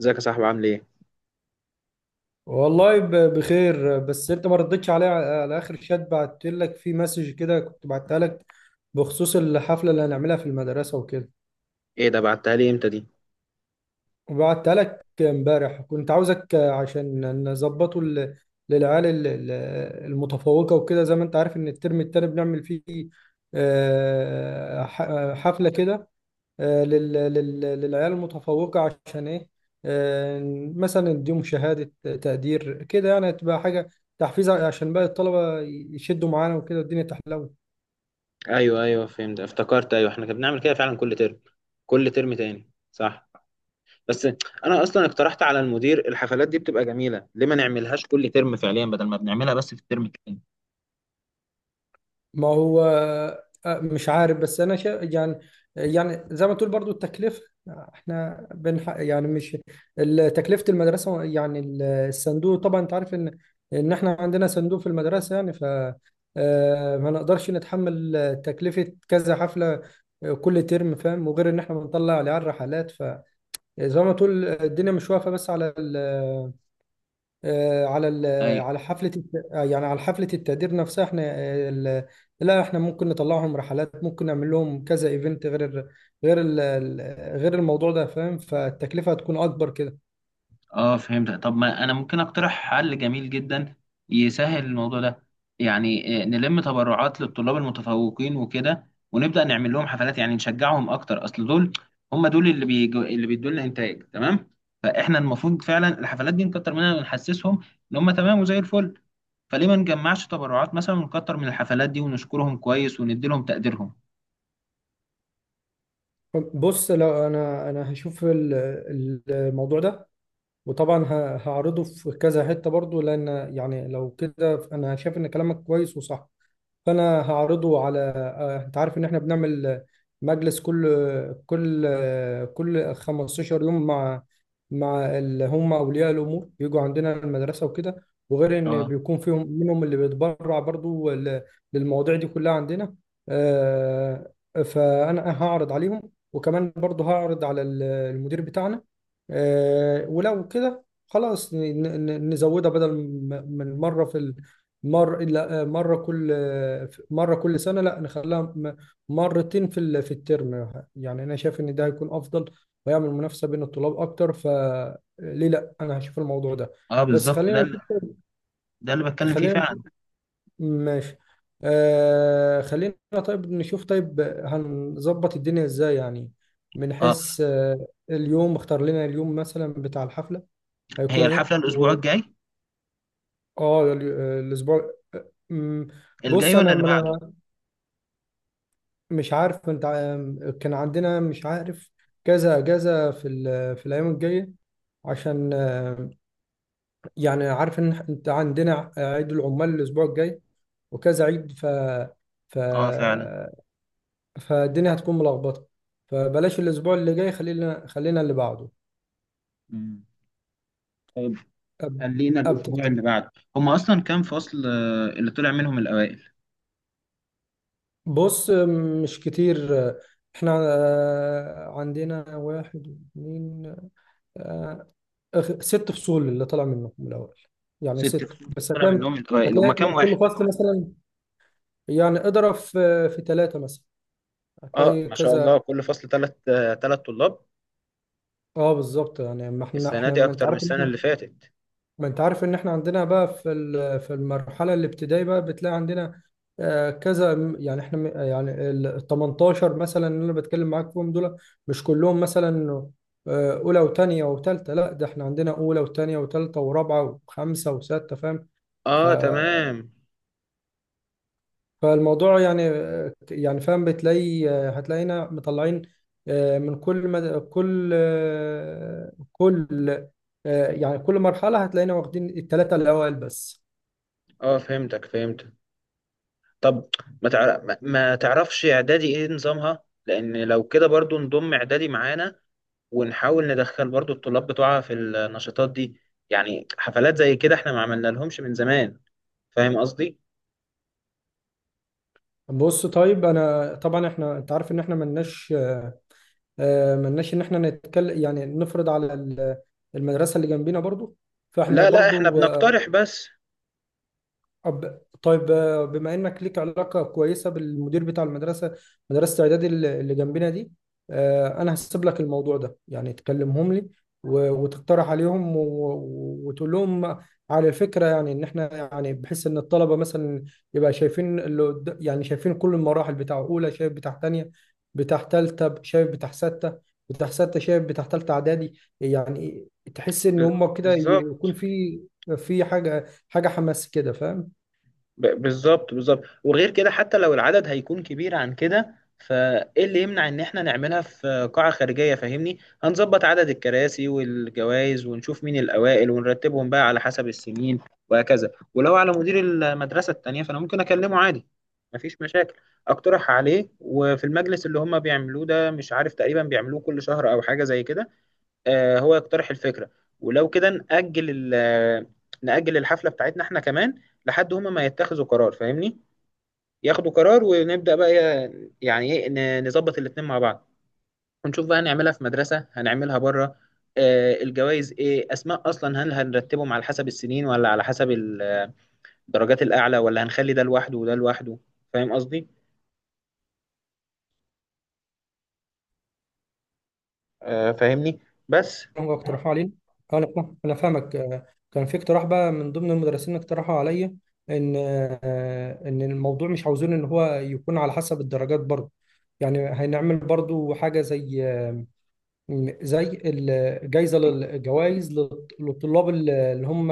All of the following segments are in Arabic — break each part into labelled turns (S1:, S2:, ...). S1: ازيك يا صاحبي عامل ايه؟
S2: والله بخير بس انت ما ردتش عليا على اخر شات بعت لك في مسج كده كنت بعتها لك بخصوص الحفله اللي هنعملها في المدرسه وكده.
S1: ايه ده، بعتها لي امتى دي؟
S2: وبعتها لك امبارح، كنت عاوزك عشان نظبطه ل- للعيال المتفوقه وكده. زي ما انت عارف ان الترم التاني بنعمل فيه حفله كده، للعيال المتفوقة. عشان إيه؟ آه، مثلا نديهم شهادة تقدير كده، يعني تبقى حاجة تحفيز عشان باقي الطلبة يشدوا معانا وكده والدنيا تحلو.
S1: ايوه ايوه فهمت، افتكرت، ايوه احنا كنا بنعمل كده فعلا كل ترم، كل ترم تاني صح. بس انا اصلا اقترحت على المدير، الحفلات دي بتبقى جميله، ليه ما نعملهاش كل ترم فعليا بدل ما بنعملها بس في الترم التاني؟
S2: ما هو مش عارف، بس انا يعني، يعني زي ما تقول برضو التكلفه. احنا يعني، مش تكلفه المدرسه، يعني الصندوق. طبعا انت عارف ان احنا عندنا صندوق في المدرسه، يعني ف ما نقدرش نتحمل تكلفه كذا حفله كل ترم، فاهم؟ وغير ان احنا بنطلع العيال رحلات، فزي ما تقول الدنيا مش واقفه بس على على حفلة الت- آه، يعني على حفلة التقدير نفسها. احنا لا احنا ممكن نطلعهم رحلات، ممكن نعمل لهم كذا ايفنت غير ال- غير ال- ال- غير الموضوع ده، فاهم؟ فالتكلفة هتكون اكبر كده.
S1: اه فهمت. طب ما انا ممكن اقترح حل جميل جدا يسهل الموضوع ده. يعني نلم تبرعات للطلاب المتفوقين وكده، ونبدأ نعمل لهم حفلات، يعني نشجعهم اكتر، اصل دول هم دول اللي بيجو، اللي بيدوا لنا انتاج. تمام؟ فاحنا المفروض فعلا الحفلات دي نكتر منها ونحسسهم ان هم تمام وزي الفل. فليه ما نجمعش تبرعات مثلا ونكتر من الحفلات دي ونشكرهم كويس وندي لهم تقديرهم؟
S2: بص، لو انا هشوف الموضوع ده، وطبعا هعرضه في كذا حتة برضو، لان يعني لو كده انا شايف ان كلامك كويس وصح. فانا هعرضه على انت عارف ان احنا بنعمل مجلس كل كل 15 يوم مع اللي هم اولياء الامور، بيجوا عندنا المدرسه وكده. وغير ان
S1: اه.
S2: بيكون فيهم منهم اللي بيتبرع برضو للمواضيع دي كلها عندنا. آه، فانا هعرض عليهم، وكمان برضو هعرض على المدير بتاعنا. ولو كده خلاص نزودها، بدل من مره في مر لا مره كل سنه، لا نخليها مرتين في في الترم. يعني انا شايف ان ده هيكون افضل، ويعمل منافسه بين الطلاب اكتر. فليه لا، انا هشوف الموضوع ده،
S1: اه
S2: بس
S1: بالظبط،
S2: خلينا نشوف
S1: ده اللي بتكلم فيه
S2: خلينا
S1: فعلا.
S2: نشوف. ماشي. آه، خلينا. طيب نشوف، طيب هنظبط الدنيا ازاي، يعني من
S1: اه.
S2: حيث اليوم. اختار لنا اليوم مثلا بتاع الحفله
S1: هي
S2: هيكون ايه
S1: الحفلة الاسبوع الجاي
S2: اه الاسبوع
S1: الجاي
S2: بص،
S1: ولا
S2: انا
S1: اللي بعده؟
S2: مش عارف، انت كان عندنا، مش عارف كذا كذا في في الايام الجايه، عشان يعني عارف ان انت عندنا عيد العمال الاسبوع الجاي وكذا عيد، ف
S1: اه فعلا.
S2: فالدنيا هتكون ملخبطه. فبلاش الاسبوع اللي جاي، خلينا اللي بعده.
S1: مم. طيب،
S2: أب...
S1: خلينا
S2: أب...
S1: الأسبوع
S2: تفت-
S1: اللي بعده. هما أصلا كام فصل اللي طلع منهم الأوائل؟
S2: بص، مش كتير، احنا عندنا واحد اثنين ست فصول اللي طلع منه من الاول، يعني
S1: ست
S2: ست
S1: فصول
S2: بس.
S1: طلع
S2: هتلاقي،
S1: منهم الأوائل، هما
S2: هتلاقي
S1: كام
S2: من
S1: واحد؟
S2: كل فصل مثلا، يعني اضرب في ثلاثه مثلا،
S1: اه
S2: هتلاقي
S1: ما شاء
S2: كذا.
S1: الله، كل فصل تلات تلات طلاب.
S2: اه بالظبط. يعني ما احنا،
S1: السنة
S2: احنا
S1: دي
S2: ما انت
S1: أكتر من
S2: عارف ان
S1: السنة
S2: احنا
S1: اللي فاتت.
S2: ما انت عارف ان احنا عندنا بقى في في المرحله الابتدائيه، بقى بتلاقي عندنا كذا. يعني احنا يعني ال 18 مثلا اللي انا بتكلم معاك فيهم دول، مش كلهم مثلا اولى وثانيه وثالثه، لا ده احنا عندنا اولى وثانيه وثالثه ورابعه وخمسه وسته، فاهم؟ ف
S1: اه تمام.
S2: فالموضوع يعني، يعني فاهم، بتلاقي هتلاقينا مطلعين آه، من كل مد... كل آه، كل آه، يعني كل مرحلة هتلاقينا واخدين الثلاثة الأوائل بس.
S1: اه فهمتك فهمتك. طب ما تعرفش إعدادي إيه نظامها؟ لأن لو كده برضو نضم إعدادي معانا ونحاول ندخل برضو الطلاب بتوعها في النشاطات دي. يعني حفلات زي كده احنا ما عملنا لهمش من زمان. فاهم قصدي؟
S2: بص طيب، أنا طبعا إحنا، أنت عارف إن إحنا ملناش ملناش إن إحنا نتكلم، يعني نفرض على المدرسة اللي جنبينا برضو. فإحنا
S1: لا لا احنا
S2: برضو
S1: بنقترح بس.
S2: طيب، بما انك ليك علاقه كويسه بالمدير بتاع المدرسه، مدرسه اعدادي اللي جنبنا دي، انا هسيب لك الموضوع ده. يعني تكلمهم لي وتقترح عليهم وتقول لهم على الفكره، يعني ان احنا يعني بحيث ان الطلبه مثلا يبقى شايفين اللي يعني شايفين كل المراحل. بتاع اولى شايف بتاع تانية، بتاع تالتة شايف بتاع ستة، بتاع ستة شايف بتاع تالتة اعدادي. يعني تحس ان
S1: ب-
S2: هم كده يكون
S1: بالظبط.
S2: في حاجه حماس كده، فاهم؟
S1: بالظبط بالظبط. وغير كده حتى لو العدد هيكون كبير عن كده، فايه اللي يمنع ان احنا نعملها في قاعة خارجية؟ فاهمني، هنظبط عدد الكراسي والجوائز ونشوف مين الاوائل ونرتبهم بقى على حسب السنين وهكذا. ولو على مدير المدرسة التانية فانا ممكن اكلمه عادي، مفيش مشاكل. اقترح عليه، وفي المجلس اللي هم بيعملوه ده، مش عارف تقريبا بيعملوه كل شهر او حاجة زي كده، هو يقترح الفكرة. ولو كده نأجل نأجل الحفلة بتاعتنا احنا كمان لحد هما ما يتخذوا قرار، فاهمني، ياخدوا قرار، ونبدأ بقى يعني ايه، نظبط الاتنين مع بعض، ونشوف بقى هنعملها في مدرسة هنعملها بره. الجوائز ايه اسماء اصلا، هل هنرتبهم على حسب السنين ولا على حسب الدرجات الاعلى، ولا هنخلي ده لوحده وده لوحده؟ فاهم قصدي؟ فاهمني؟ بس.
S2: هم اقترحوا علينا. اه انا انا فاهمك. كان في اقتراح بقى من ضمن المدرسين، اقترحوا عليا ان ان الموضوع مش عاوزين ان هو يكون على حسب الدرجات برضه. يعني هنعمل برضه حاجه زي زي الجوائز للطلاب اللي هم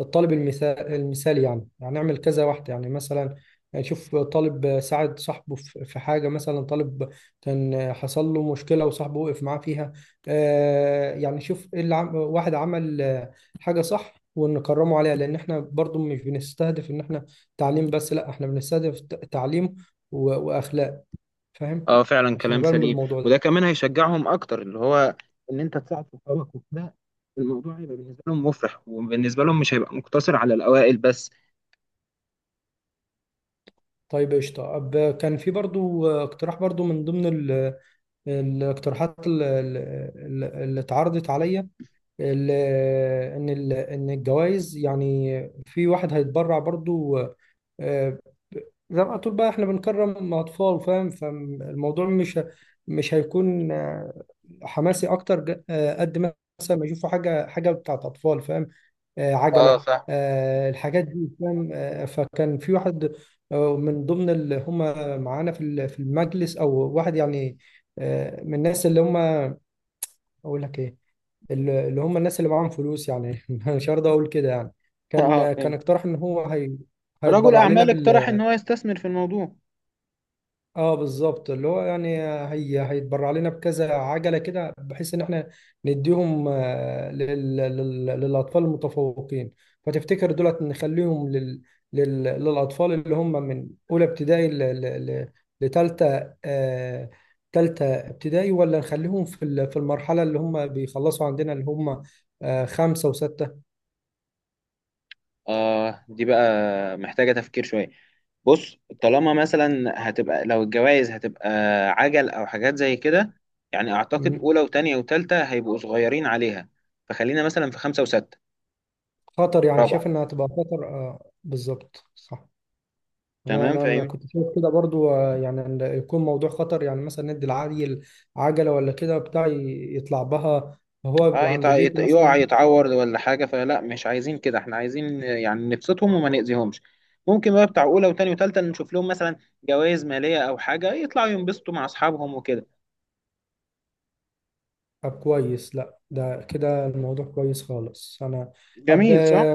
S2: الطالب المثالي، يعني يعني نعمل كذا واحدة. يعني مثلا نشوف طالب ساعد صاحبه في حاجة، مثلا طالب كان حصل له مشكلة وصاحبه وقف معاه فيها. يعني شوف ايه اللي واحد عمل حاجة صح ونكرمه عليها. لأن احنا برضو مش بنستهدف إن احنا تعليم بس، لا احنا بنستهدف تعليم وأخلاق، فاهم؟
S1: اه فعلا
S2: عشان
S1: كلام
S2: يبان
S1: سليم،
S2: بالموضوع
S1: وده
S2: ده.
S1: كمان هيشجعهم اكتر، اللي هو ان انت تساعد صحابك وكده. الموضوع هيبقى بالنسبه لهم مفرح، وبالنسبه لهم مش هيبقى مقتصر على الاوائل بس.
S2: طيب قشطة. أب كان في برضو اقتراح، برضو من ضمن الاقتراحات اللي اتعرضت عليا، ال- إن إن الجوائز يعني، في واحد هيتبرع برضو آه، زي ما تقول بقى، احنا بنكرم أطفال، فاهم؟ فالموضوع مش هيكون حماسي أكتر قد ما مثلا ما يشوفوا حاجة بتاعت أطفال، فاهم؟
S1: اه
S2: عجله،
S1: فاهم.
S2: الحاجات دي، فاهم؟ فكان في واحد من ضمن اللي هم معانا في في المجلس، او واحد يعني من الناس اللي هم، اقول لك ايه، اللي هم الناس اللي معاهم فلوس، يعني مش هرضى اقول كده يعني.
S1: اه
S2: كان
S1: فاهم.
S2: اقترح ان هو
S1: رجل
S2: هيتبرع لنا.
S1: اعمال اقترح ان هو يستثمر في الموضوع.
S2: اه بالظبط، اللي هو يعني هيتبرع لنا بكذا عجله كده، بحيث ان احنا نديهم للاطفال المتفوقين. فتفتكر دولت نخليهم للاطفال اللي هم من اولى ابتدائي لتالتة، آه... تالتة ابتدائي، ولا نخليهم في في المرحله اللي هم بيخلصوا عندنا، اللي هم آه خمسه وسته.
S1: اه دي بقى محتاجه تفكير شويه. بص، طالما مثلا هتبقى، لو الجوائز هتبقى عجل او حاجات زي كده، يعني اعتقد
S2: مم.
S1: اولى وتانية وتالتة هيبقوا صغيرين عليها. فخلينا مثلا في خمسة وستة،
S2: خطر، يعني شايف
S1: رابعة.
S2: انها هتبقى خطر، آه بالظبط صح. انا
S1: تمام
S2: انا انا
S1: فاهم.
S2: كنت شايف كده برضو، يعني إن يكون موضوع خطر، يعني مثلا ندي العيل عجله ولا كده بتاع يطلع بها وهو بيبقى عند بيته
S1: يقع
S2: مثلا.
S1: يتعور ولا حاجة، فلا مش عايزين كده، احنا عايزين يعني نبسطهم وما نأذيهمش. ممكن بقى بتاع أولى وتانية وتالتة نشوف لهم مثلا جوائز مالية أو حاجة، يطلعوا ينبسطوا مع أصحابهم وكده.
S2: طب كويس، لا ده كده الموضوع كويس خالص. انا اب
S1: جميل، صح؟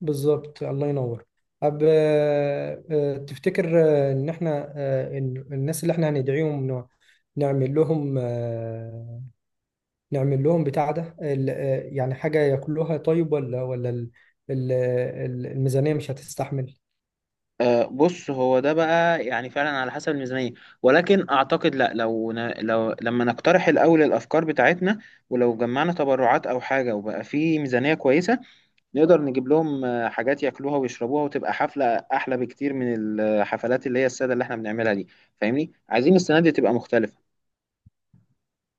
S2: بالظبط، الله ينور. اب تفتكر ان احنا إن الناس اللي احنا هندعيهم نعمل لهم نعمل لهم بتاع ده يعني حاجه ياكلوها طيب، ال- الميزانيه مش هتستحمل؟
S1: آه بص، هو ده بقى يعني فعلا على حسب الميزانية، ولكن أعتقد لا، لو لما نقترح الأول الأفكار بتاعتنا، ولو جمعنا تبرعات أو حاجة وبقى في ميزانية كويسة، نقدر نجيب لهم حاجات ياكلوها ويشربوها، وتبقى حفلة احلى بكتير من الحفلات اللي هي السادة اللي احنا بنعملها دي. فاهمني، عايزين السنة دي تبقى مختلفة.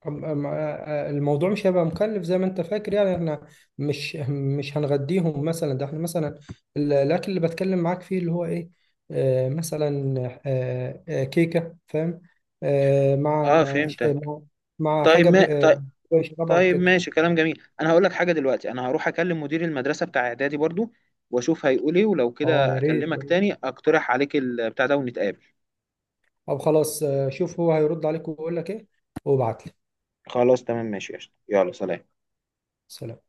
S2: الموضوع مش هيبقى مكلف زي ما انت فاكر. يعني احنا مش هنغديهم مثلا، ده احنا مثلا الاكل اللي بتكلم معاك فيه، اللي هو ايه، آه مثلا كيكه فاهم، آه مع
S1: اه
S2: ش-
S1: فهمتك.
S2: مع مع
S1: طيب
S2: حاجه
S1: ما طيب,
S2: يشربها
S1: طيب
S2: وكده.
S1: ماشي، كلام جميل. انا هقول لك حاجة دلوقتي، انا هروح اكلم مدير المدرسة بتاع اعدادي برضو واشوف هيقول ايه، ولو
S2: اه
S1: كده
S2: يا ريت،
S1: اكلمك تاني اقترح عليك البتاع ده ونتقابل.
S2: او خلاص شوف هو هيرد عليك ويقول لك ايه وابعت لي.
S1: خلاص تمام ماشي يا قشطة. يلا سلام.
S2: سلام.